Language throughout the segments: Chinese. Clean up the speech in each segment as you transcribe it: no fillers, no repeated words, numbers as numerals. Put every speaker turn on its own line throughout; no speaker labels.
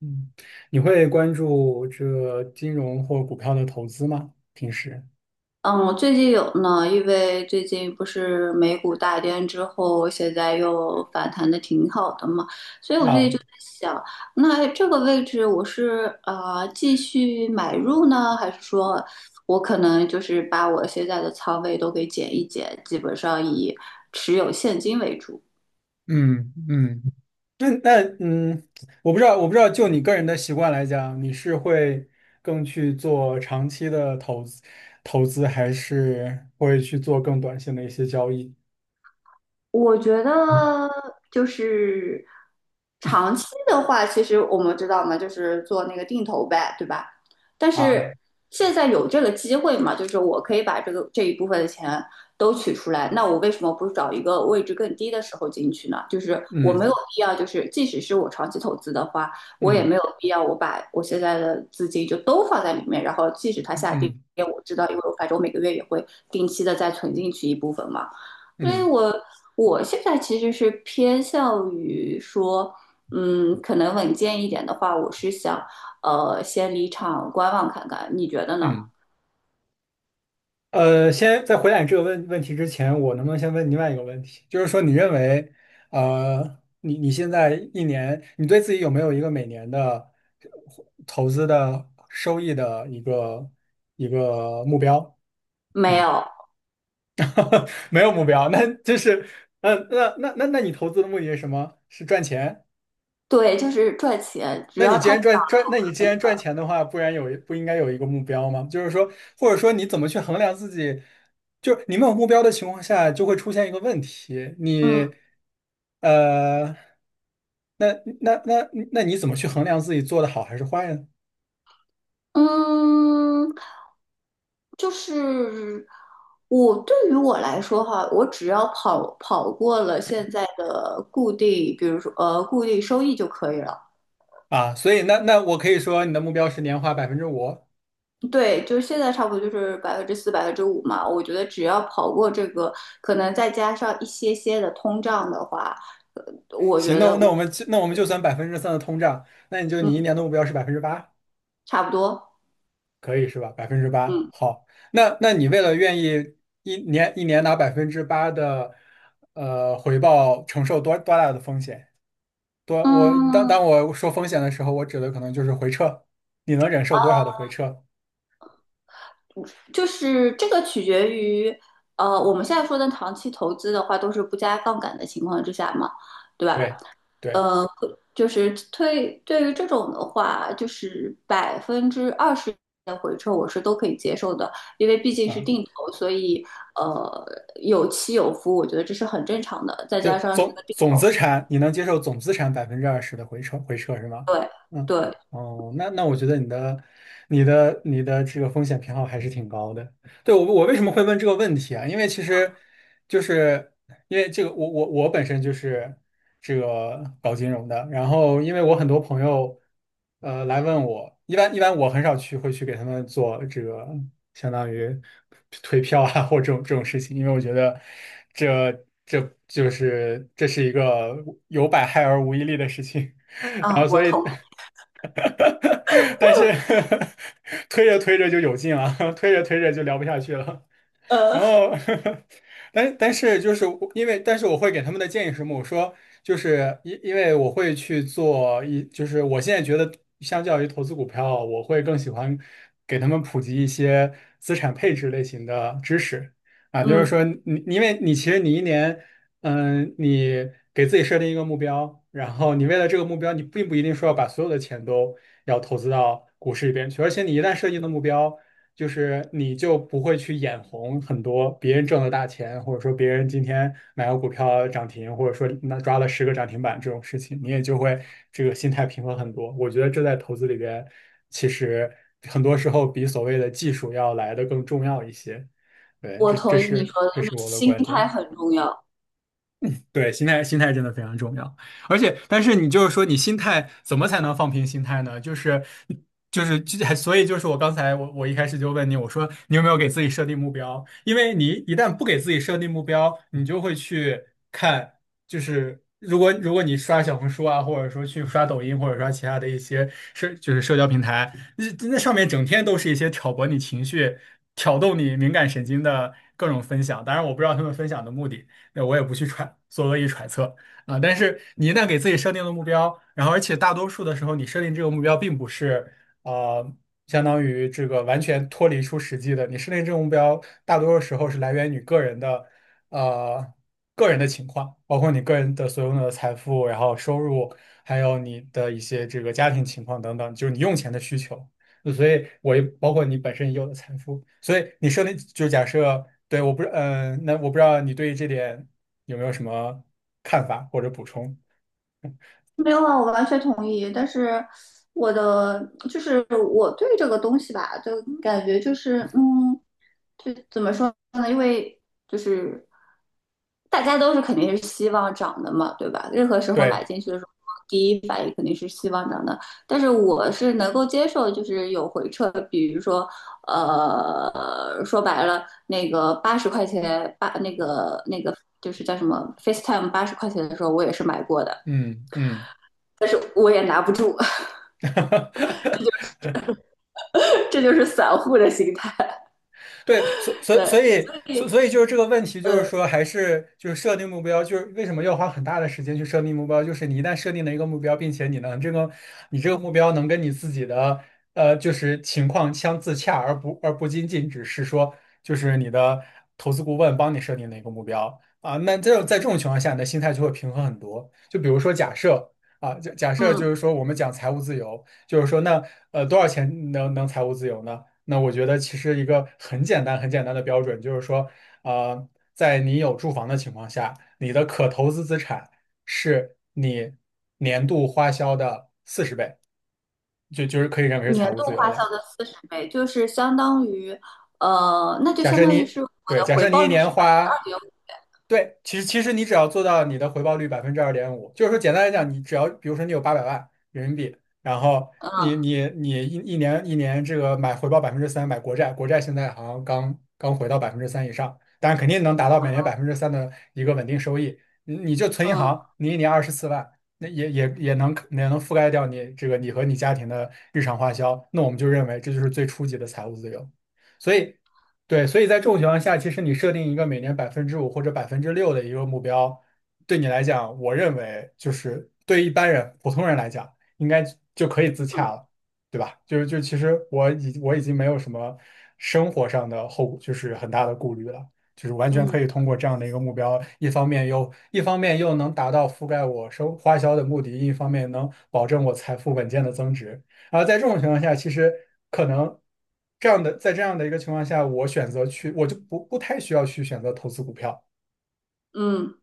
嗯，你会关注这个金融或股票的投资吗？平时
嗯，最近有呢，因为最近不是美股大跌之后，现在又反弹的挺好的嘛，所以我就
啊。
想，那这个位置我是继续买入呢，还是说我可能就是把我现在的仓位都给减一减，基本上以持有现金为主？
嗯嗯。那，我不知道，我不知道，就你个人的习惯来讲，你是会更去做长期的投资，还是会去做更短线的一些交易？
我觉得就是长期的话，其实我们知道嘛，就是做那个定投呗，对吧？但
啊。
是现在有这个机会嘛，就是我可以把这一部分的钱都取出来，那我为什么不找一个位置更低的时候进去呢？就是我没有
嗯
必要，就是即使是我长期投资的话，我也
嗯
没有必要我把我现在的资金就都放在里面，然后即使它
嗯
下跌，
嗯
我知道，因为我反正我每个月也会定期的再存进去一部分嘛。所以
嗯
我现在其实是偏向于说，嗯，可能稳健一点的话，我是想，先离场观望看看，你觉得呢？
嗯。先在回答你这个问题之前，我能不能先问另外一个问题？就是说，你认为，你现在一年，你对自己有没有一个每年的投资的收益的一个目标？
没有，
没有目标，那就是，那你投资的目的是什么？是赚钱？
对，就是赚钱，只要他，
那你既然赚钱的话，不然不应该有一个目标吗？就是说，或者说你怎么去衡量自己？就是你没有目标的情况下，就会出现一个问题，
嗯
你，呃，那那你怎么去衡量自己做的好还是坏呢？
嗯，就是我对于我来说哈，我只要跑过了现在的固定，比如说固定收益就可以了。
啊，所以我可以说你的目标是年化5%。
对，就是现在差不多就是4%、5%嘛。我觉得只要跑过这个，可能再加上一些些的通胀的话，呃，我觉
行，那
得
我
我
那我们就那我们就算百分之三的通胀，那你一
嗯
年的目标是百分之八。
差不多，
可以是吧？百分之八。
嗯
好，那那你为了愿意一年一年拿百分之八的回报，承受多大的风险？多我当
嗯，
当我说风险的时候，我指的可能就是回撤。你能忍受多少的回撤？
就是这个取决于我们现在说的长期投资的话，都是不加杠杆的情况之下嘛，对吧？
对对
呃，就是对于这种的话，就是20%的回撤我是都可以接受的，因为毕竟是
啊，
定投，所以呃有起有伏，我觉得这是很正常的。再
就
加上是个
总
定
总
投，
资产，你能接受总资产百分之二十的回撤是吗？
对
嗯。
对
哦，那我觉得你的这个风险偏好还是挺高的。对，我为什么会问这个问题啊？因为其实就是因为这个，我本身就是这个搞金融的。然后因为我很多朋友来问我。一般我很少会去给他们做这个相当于推票啊或这种事情。因为我觉得这这这是一个有百害而无一利的事情。然
啊，
后所以 但是 推着推着就有劲了，推着推着就聊不下去了。然
呃
后，但是就是我因为，但是我会给他们的建议是什么？我说就是因因为我会去做一，就是我现在觉得相较于投资股票，我会更喜欢给他们普及一些资产配置类型的知识啊。就是
嗯，
说你因为你其实你一年，你给自己设定一个目标，然后你为了这个目标，你并不一定说要把所有的钱都要投资到股市里边去。而且你一旦设定的目标。就是你就不会去眼红很多别人挣的大钱，或者说别人今天买个股票涨停，或者说那10个涨停板这种事情，你也就会这个心态平和很多。我觉得这在投资里边，其实很多时候比所谓的技术要来的更重要一些。对，
我
这
同
这
意你
是
说的，
这
就是
是我的
心
观
态
点。
很重要。
对，心态心态真的非常重要。而且，但是你就是说，你心态怎么才能放平心态呢？就是就是就所以就是我刚才我我一开始就问你，我说你有没有给自己设定目标？因为你一旦不给自己设定目标，你就会去看。就是如果你刷小红书啊，或者说去刷抖音，或者刷其他的一些社就是社交平台。那上面整天都是一些挑拨你情绪、挑动你敏感神经的各种分享。当然，我不知道他们分享的目的。那我也不去做恶意揣测啊。但是你一旦给自己设定了目标，然后而且大多数的时候，你设定这个目标并不是呃，相当于这个完全脱离出实际的。你设定这个目标，大多数时候是来源于呃个人的情况，包括你个人的所拥有的财富，然后收入，还有你的一些这个家庭情况等等，就是你用钱的需求。所以我也包括你本身已有的财富，所以你设定就假设，对，我不知，嗯、那我不知道你对于这点有没有什么看法或者补充？
没有啊，我完全同意。但是我的就是我对这个东西吧，就感觉就是，就怎么说呢？因为就是大家都是肯定是希望涨的嘛，对吧？任何时候买
对，
进去的时候，第一反应肯定是希望涨的。但是我是能够接受，就是有回撤，比如说说白了，那个八十块钱八那个那个就是叫什么 FaceTime 八十块钱的时候，我也是买过的。
嗯嗯，
但是我也拿不住，这就是散户的心态。
对，所所所
对，
以
所
所
以
所以就是这个问题，就是
呃
说还是就是设定目标，就是为什么要花很大的时间去设定目标？就是你一旦设定了一个目标，并且你这个目标能跟你自己的就是情况相自洽，而不仅仅只是说就是你的投资顾问帮你设定的一个目标啊。那这种在这种情况下，你的心态就会平衡很多。就比如说假设。啊，假设就
嗯，
是说，我们讲财务自由，就是说那，多少钱能财务自由呢？那我觉得其实一个很简单、很简单的标准就是说，呃，在你有住房的情况下，你的可投资资产是你年度花销的40倍，就是可以认为是
年
财务
度
自由
花
了。
销的40倍就是相当于那就
假
相
设
当于
你
是我
对，
的
假
回
设你
报
一
率
年
是百分之
花
二点五。
对，其实你只要做到你的回报率2.5%。就是说简单来讲，你只要比如说你有800万人民币，然后你
嗯
你你一一年一年这个买回报百分之三，买国债。国债现在好像刚刚回到百分之三以上，但是肯定能达到每年百分之三的一个稳定收益。你就存银行，
嗯
你一年24万，那也能覆盖掉你这个你和你家庭的日常花销。那我们就认为这就是最初级的财务自由。所以对，所以在这种情况下，其实你设定一个每年百分之五或者6%的一个目标，对你来讲，我认为就是对一般人、普通人来讲，应该就可以自洽了。对吧？就是其实我已经没有什么生活上的就是很大的顾虑了。就是完全可以
嗯
通过这样的一个目标，一方面又能达到覆盖我生花销的目的，一方面能保证我财富稳健的增值。然后在这种情况下，其实可能这样的，在这样的一个情况下，我选择去，我就不太需要去选择投资股票。
嗯嗯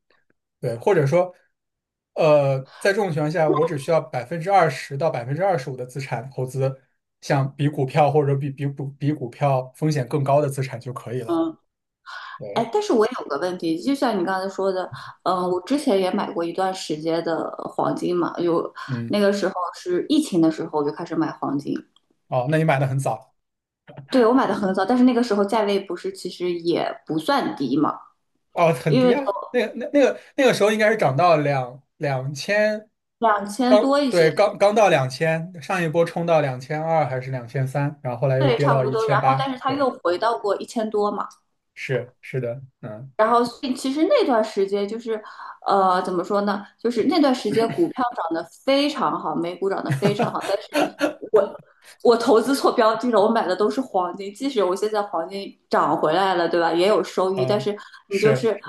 对，或者说，在这种情况下，我只需要20%到25%的资产投资，像比股票或者比比股比股票风险更高的资产就可以了。
嗯。
对。
哎，但是我有个问题，就像你刚才说的，嗯，我之前也买过一段时间的黄金嘛，有
嗯。
那个时候是疫情的时候我就开始买黄金，
哦，那你买的很早。
对，我买的很早，但是那个时候价位不是其实也不算低嘛，
哦，很
因
低
为
啊。
从
那个时候应该是涨到两千。
两千多一
对
些，
刚刚到2000，上一波冲到2200还是2300，然后后来又
对，
跌
差
到
不
一
多。
千
然后，
八。
但是他
对，
又回到过1000多嘛。
是的，嗯。
然后所以其实那段时间就是，怎么说呢？就是那段时间股票涨得非常好，美股涨得非常好，但是 我我投资错标的了，我买的都是黄金，即使我现在黄金涨回来了，对吧？也有收益，但
嗯，
是你就
是，
是。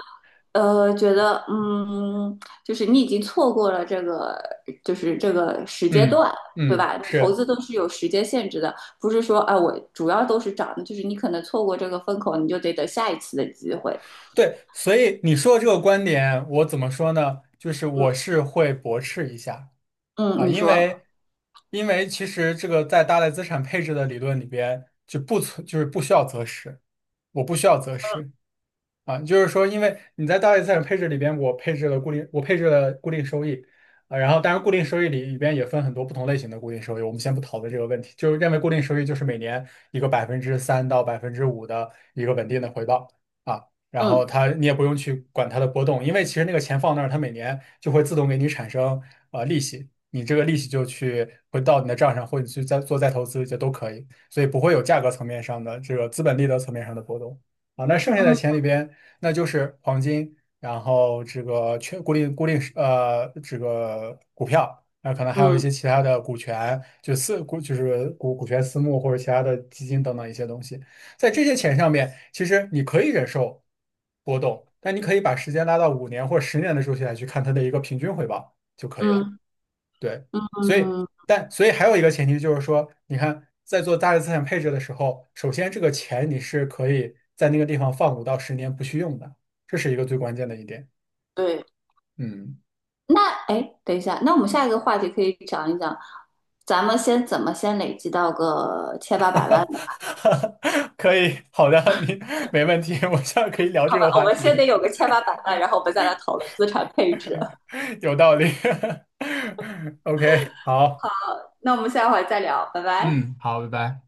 觉得就是你已经错过了这个，就是这个时间
嗯
段，对
嗯，
吧？你投
是
资都是有时间限制的，不是说，啊，我主要都是涨的，就是你可能错过这个风口，你就得等下一次的机会。
对。所以你说的这个观点，我怎么说呢？就是
嗯。
我是会驳斥一下
嗯，
啊。
你
因
说，
为因为其实这个在大类资产配置的理论里边就是不需要择时。我不需要择时。啊，就是说，因为你在大类资产配置里边，我配置了固定收益。啊，然后当然固定收益里边也分很多不同类型的固定收益，我们先不讨论这个问题。就是认为固定收益就是每年一个3%到5%的一个稳定的回报啊。然后
嗯
它你也不用去管它的波动，因为其实那个钱放那儿，它每年就会自动给你产生利息。你这个利息就去回到你的账上，或者去再投资就都可以。所以不会有价格层面上的这个资本利得层面上的波动。啊，那剩下的
嗯
钱里边，那就是黄金，然后这个全固定固定呃这个股票，那可能还有一些
嗯
其他的股权，就是股权私募或者其他的基金等等一些东西。在这些钱上面，其实你可以忍受波动，但你可以把时间拉到5年或者10年的周期来去看它的一个平均回报就可以了。
嗯
对，所以
嗯，
所以还有一个前提就是说，你看在做大额资产配置的时候，首先这个钱你是可以在那个地方放5到10年不去用的。这是一个最关键的一点。
对。
嗯，
那哎，等一下，那我们下一个话题可以讲一讲，咱们先怎么先累积到个千八百万呢？
可以，好的。你没问题，我现在可以聊
好
这
吧，
个
我
话
们
题。
先得有个千八百万，然后我们再来讨论资产配置。
有道理。OK，好，
那我们下回再聊，拜拜。
嗯，好，拜拜。